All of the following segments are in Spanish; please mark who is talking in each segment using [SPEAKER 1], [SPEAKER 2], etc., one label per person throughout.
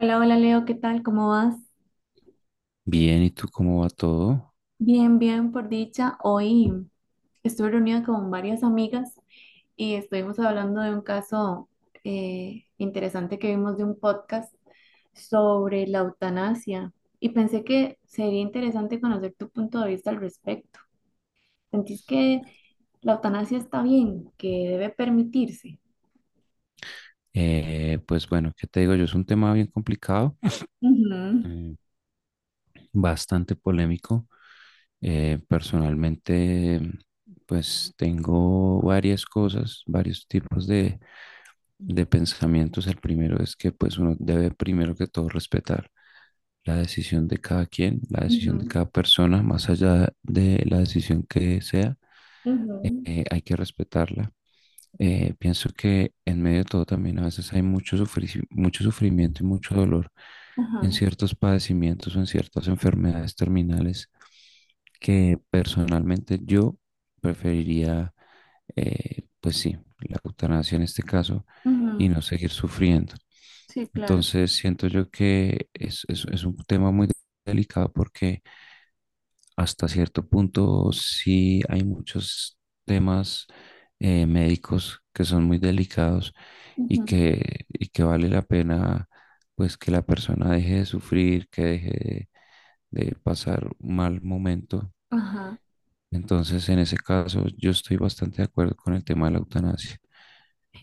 [SPEAKER 1] Hola, hola Leo, ¿qué tal? ¿Cómo vas?
[SPEAKER 2] Bien, ¿y tú cómo va todo?
[SPEAKER 1] Bien, bien, por dicha. Hoy estuve reunida con varias amigas y estuvimos hablando de un caso interesante que vimos de un podcast sobre la eutanasia y pensé que sería interesante conocer tu punto de vista al respecto. ¿Sentís que la eutanasia está bien, que debe permitirse?
[SPEAKER 2] Pues bueno, ¿qué te digo yo? Es un tema bien complicado,
[SPEAKER 1] Ujú,
[SPEAKER 2] mm, bastante polémico. Personalmente, pues tengo varias cosas, varios tipos de pensamientos. El primero es que pues uno debe primero que todo respetar la decisión de cada quien, la decisión de
[SPEAKER 1] ujú,
[SPEAKER 2] cada persona, más allá de la decisión que sea,
[SPEAKER 1] ujú.
[SPEAKER 2] hay que respetarla. Pienso que en medio de todo también a veces hay mucho, mucho sufrimiento y mucho dolor en
[SPEAKER 1] Ajá,
[SPEAKER 2] ciertos padecimientos o en ciertas enfermedades terminales que personalmente yo preferiría, pues sí, la eutanasia en este caso y
[SPEAKER 1] ujú.
[SPEAKER 2] no seguir sufriendo.
[SPEAKER 1] Sí, claro.
[SPEAKER 2] Entonces siento yo que es un tema muy delicado porque hasta cierto punto sí hay muchos temas médicos que son muy delicados y
[SPEAKER 1] Ujú.
[SPEAKER 2] que, y que vale la pena pues que la persona deje de sufrir, que deje de pasar un mal momento.
[SPEAKER 1] Ajá.
[SPEAKER 2] Entonces, en ese caso, yo estoy bastante de acuerdo con el tema de la eutanasia.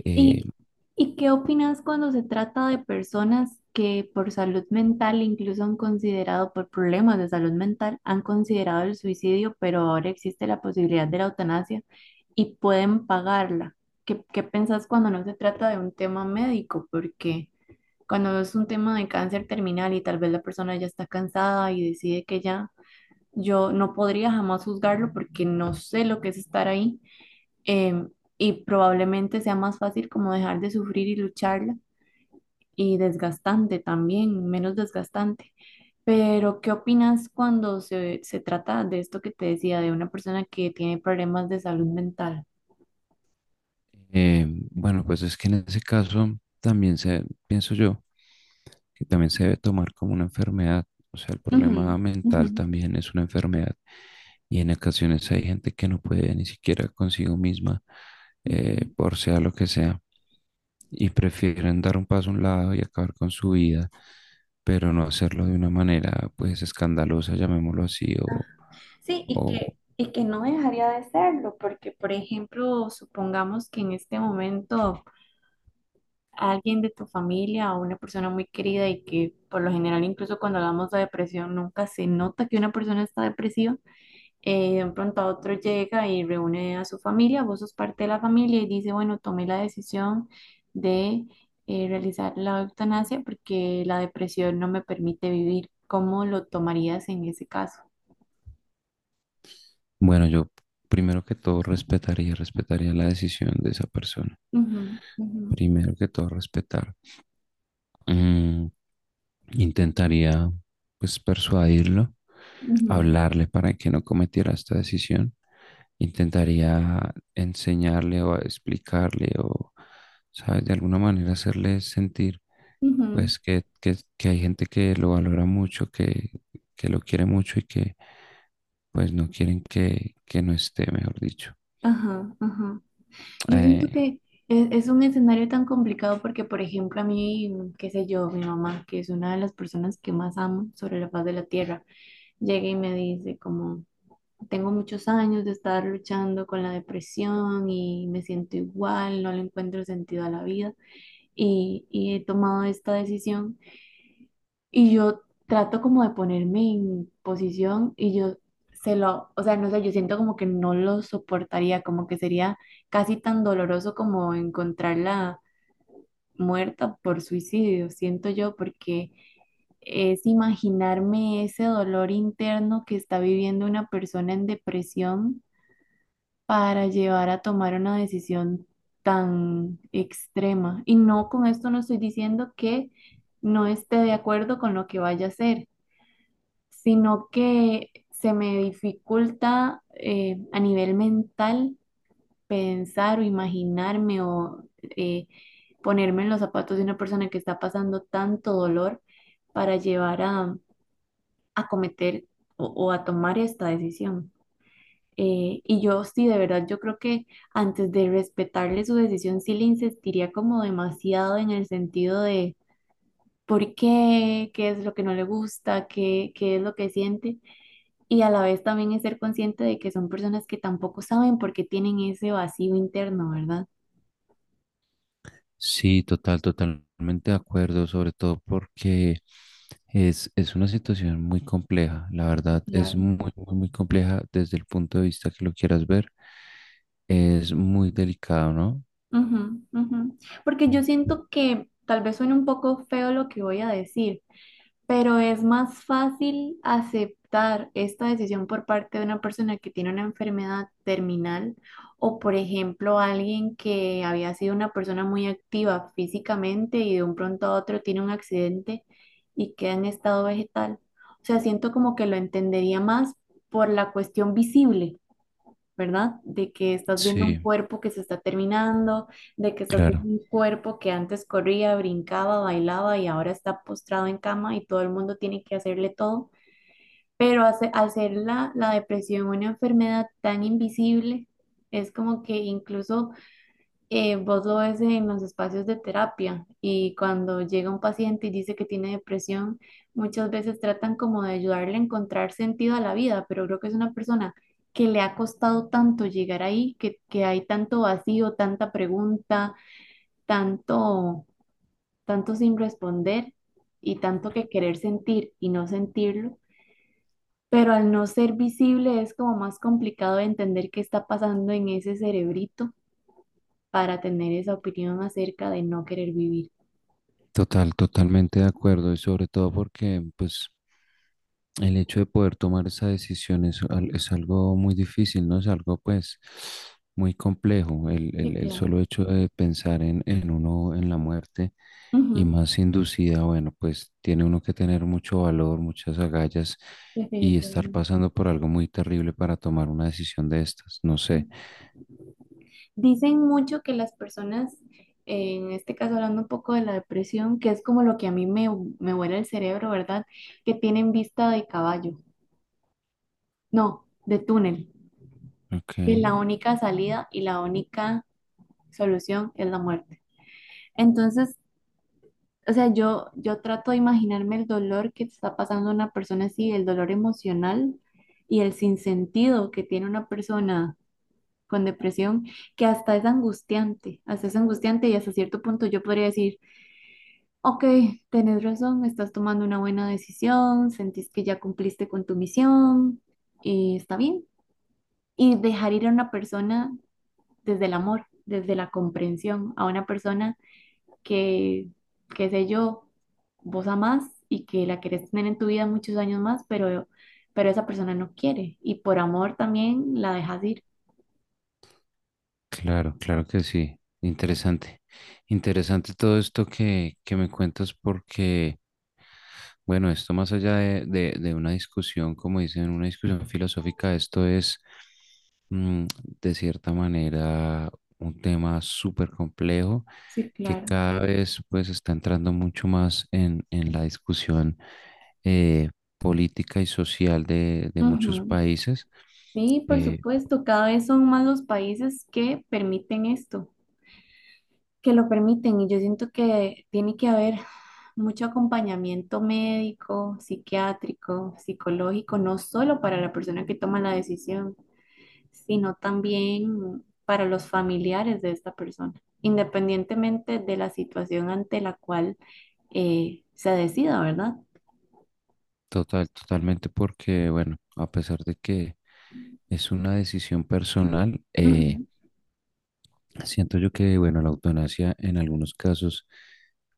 [SPEAKER 2] Eh,
[SPEAKER 1] ¿Y, y qué opinas cuando se trata de personas que por salud mental incluso han considerado, por problemas de salud mental, han considerado el suicidio, pero ahora existe la posibilidad de la eutanasia y pueden pagarla? ¿Qué, qué pensás cuando no se trata de un tema médico? Porque cuando es un tema de cáncer terminal y tal vez la persona ya está cansada y decide que ya, yo no podría jamás juzgarlo porque no sé lo que es estar ahí, em, y probablemente sea más fácil como dejar de sufrir y lucharla y desgastante también, menos desgastante. Pero, ¿qué opinas cuando se trata de esto que te decía, de una persona que tiene problemas de salud mental?
[SPEAKER 2] eh, bueno, pues es que en ese caso también pienso yo, que también se debe tomar como una enfermedad. O sea, el
[SPEAKER 1] Ujú,
[SPEAKER 2] problema
[SPEAKER 1] ujú,
[SPEAKER 2] mental también es una enfermedad. Y en ocasiones hay gente que no puede ni siquiera consigo misma,
[SPEAKER 1] ujú.
[SPEAKER 2] por sea lo que sea, y prefieren dar un paso a un lado y acabar con su vida, pero no hacerlo de una manera pues escandalosa, llamémoslo así,
[SPEAKER 1] Sí,
[SPEAKER 2] o
[SPEAKER 1] y que no dejaría de serlo, porque, por ejemplo, supongamos que en este momento alguien de tu familia o una persona muy querida y que por lo general incluso cuando hablamos de depresión nunca se nota que una persona está depresiva, de un pronto a otro llega y reúne a su familia, vos sos parte de la familia y dice, bueno, tomé la decisión de realizar la eutanasia porque la depresión no me permite vivir. ¿Cómo lo tomarías en ese caso?
[SPEAKER 2] bueno, yo primero que todo respetaría la decisión de esa persona.
[SPEAKER 1] Ujú, ujú,
[SPEAKER 2] Primero que todo respetar. Mm, Intentaría pues persuadirlo,
[SPEAKER 1] ujú,
[SPEAKER 2] hablarle para que no cometiera esta decisión. Intentaría enseñarle o explicarle o, ¿sabes? De alguna manera hacerle sentir
[SPEAKER 1] ujú.
[SPEAKER 2] pues que hay gente que lo valora mucho, que lo quiere mucho y que pues no quieren que no esté, mejor dicho.
[SPEAKER 1] Ajá, ajá. Yo siento
[SPEAKER 2] Eh,
[SPEAKER 1] que es un escenario tan complicado porque, por ejemplo, a mí, mm, qué sé yo, mi mamá, que es una de las personas que más amo sobre la faz de la tierra, llega y me dice como, tengo muchos años de estar luchando con la depresión y me siento igual, no le encuentro sentido a la vida y he tomado esta decisión y yo trato como de ponerme en posición y yo se lo, o sea, no sé, yo siento como que no lo soportaría, como que sería casi tan doloroso como encontrarla muerta por suicidio, siento yo, porque es imaginarme ese dolor interno que está viviendo una persona en depresión para llevar a tomar una decisión tan extrema. Y no, con esto no estoy diciendo que no esté de acuerdo con lo que vaya a hacer, sino que se me dificulta, a nivel mental pensar o imaginarme o eh, ponerme en los zapatos de una persona que está pasando tanto dolor para llevar a cometer o a tomar esta decisión. Y yo sí, de verdad, yo creo que antes de respetarle su decisión, sí le insistiría como demasiado en el sentido de por qué, qué es lo que no le gusta, qué, qué es lo que siente, y a la vez también es ser consciente de que son personas que tampoco saben por qué tienen ese vacío interno, ¿verdad?
[SPEAKER 2] Sí, totalmente de acuerdo, sobre todo porque es una situación muy compleja, la
[SPEAKER 1] Sí,
[SPEAKER 2] verdad, es
[SPEAKER 1] claro.
[SPEAKER 2] muy compleja desde el punto de vista que lo quieras ver, es muy delicado, ¿no?
[SPEAKER 1] Ujú, ujú. Porque yo siento que tal vez suene un poco feo lo que voy a decir, pero es más fácil aceptar esta decisión por parte de una persona que tiene una enfermedad terminal o, por ejemplo, alguien que había sido una persona muy activa físicamente y de un pronto a otro tiene un accidente y queda en estado vegetal. O sea, siento como que lo entendería más por la cuestión visible, ¿verdad? De que estás viendo un
[SPEAKER 2] Sí,
[SPEAKER 1] cuerpo que se está terminando, de que estás viendo
[SPEAKER 2] claro.
[SPEAKER 1] un cuerpo que antes corría, brincaba, bailaba y ahora está postrado en cama y todo el mundo tiene que hacerle todo. Pero hace- al ser la depresión una enfermedad tan invisible, es como que incluso, vos lo ves en los espacios de terapia y cuando llega un paciente y dice que tiene depresión, muchas veces tratan como de ayudarle a encontrar sentido a la vida, pero creo que es una persona que le ha costado tanto llegar ahí, que hay tanto vacío, tanta pregunta, tanto, tanto sin responder y tanto que querer sentir y no sentirlo. Pero al no ser visible es como más complicado de entender qué está pasando en ese cerebrito para tener esa opinión acerca de no querer vivir.
[SPEAKER 2] Totalmente de acuerdo y sobre todo porque pues el hecho de poder tomar esa decisión es algo muy difícil, ¿no? Es algo pues muy complejo,
[SPEAKER 1] Sí,
[SPEAKER 2] el
[SPEAKER 1] claro.
[SPEAKER 2] solo hecho de pensar en uno, en la muerte y
[SPEAKER 1] Ujú.
[SPEAKER 2] más inducida, bueno, pues tiene uno que tener mucho valor, muchas agallas y estar
[SPEAKER 1] Definitivamente.
[SPEAKER 2] pasando por algo muy terrible para tomar una decisión de estas, no sé.
[SPEAKER 1] Dicen mucho que las personas, en este caso hablando un poco de la depresión, que es como lo que a mí me, me vuela el cerebro, ¿verdad? Que tienen vista de caballo, no, de túnel, que
[SPEAKER 2] Ok.
[SPEAKER 1] la única salida y la única solución es la muerte. Entonces, o sea, yo trato de imaginarme el dolor que está pasando a una persona así, el dolor emocional y el sinsentido que tiene una persona con depresión, que hasta es angustiante, hasta es angustiante, y hasta cierto punto yo podría decir, ok, tenés razón, estás tomando una buena decisión, sentís que ya cumpliste con tu misión y está bien. Y dejar ir a una persona desde el amor, desde la comprensión, a una persona que, qué sé yo, vos amás y que la querés tener en tu vida muchos años más, pero esa persona no quiere y por amor también la dejas ir.
[SPEAKER 2] Claro, claro que sí. Interesante. Interesante todo esto que me cuentas porque, bueno, esto más allá de una discusión, como dicen, una discusión filosófica, esto es, mm, de cierta manera, un tema súper complejo
[SPEAKER 1] Sí,
[SPEAKER 2] que
[SPEAKER 1] claro.
[SPEAKER 2] cada vez pues está entrando mucho más en la discusión eh, política y social de muchos
[SPEAKER 1] Ujú.
[SPEAKER 2] países.
[SPEAKER 1] Sí, por
[SPEAKER 2] Eh,
[SPEAKER 1] supuesto, cada vez son más los países que permiten esto, que lo permiten y yo siento que tiene que haber mucho acompañamiento médico, psiquiátrico, psicológico, no solo para la persona que toma la decisión sino también para los familiares de esta persona, independientemente de la situación ante la cual, se decida, ¿verdad?
[SPEAKER 2] Totalmente porque, bueno, a pesar de que es una decisión personal.
[SPEAKER 1] Ujú,
[SPEAKER 2] Siento yo que, bueno, la eutanasia en algunos casos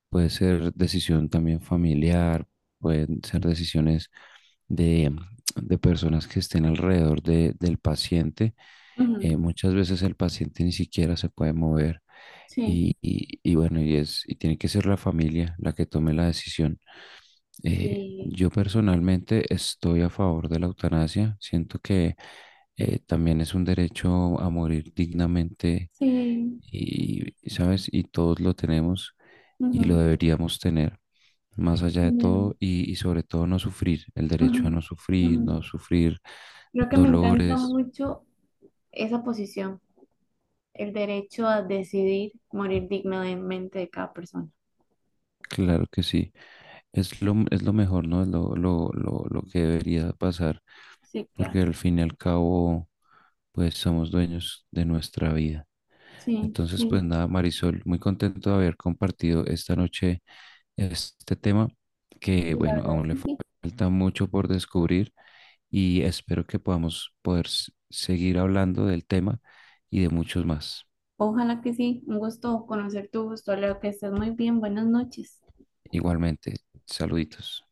[SPEAKER 2] puede ser decisión también familiar, pueden ser decisiones de, de personas que estén alrededor del paciente.
[SPEAKER 1] ujú.
[SPEAKER 2] Muchas veces el paciente ni siquiera se puede mover
[SPEAKER 1] Sí.
[SPEAKER 2] y bueno, y tiene que ser la familia la que tome la decisión.
[SPEAKER 1] Sí,
[SPEAKER 2] Yo personalmente estoy a favor de la eutanasia. Siento que también es un derecho a morir dignamente
[SPEAKER 1] sí.
[SPEAKER 2] y, ¿sabes? Y todos lo tenemos y lo
[SPEAKER 1] Ujú.
[SPEAKER 2] deberíamos tener, más allá de
[SPEAKER 1] Me-
[SPEAKER 2] todo y sobre todo no sufrir, el
[SPEAKER 1] ujú,
[SPEAKER 2] derecho a no sufrir,
[SPEAKER 1] ujú.
[SPEAKER 2] no sufrir
[SPEAKER 1] Creo que me encanta
[SPEAKER 2] dolores.
[SPEAKER 1] mucho esa posición, el derecho a decidir morir dignamente de cada persona.
[SPEAKER 2] Claro que sí. Es es lo mejor, ¿no? Es lo que debería pasar,
[SPEAKER 1] Sí, claro.
[SPEAKER 2] porque al fin y al cabo, pues somos dueños de nuestra vida.
[SPEAKER 1] Sí,
[SPEAKER 2] Entonces,
[SPEAKER 1] sí,
[SPEAKER 2] pues nada, Marisol, muy contento de haber compartido esta noche este tema, que
[SPEAKER 1] sí, la
[SPEAKER 2] bueno,
[SPEAKER 1] verdad es
[SPEAKER 2] aún le
[SPEAKER 1] que sí.
[SPEAKER 2] falta mucho por descubrir y espero que podamos seguir hablando del tema y de muchos más.
[SPEAKER 1] Ojalá que sí. Un gusto conocer tu gusto, Leo, que estés muy bien. Buenas noches.
[SPEAKER 2] Igualmente, saluditos.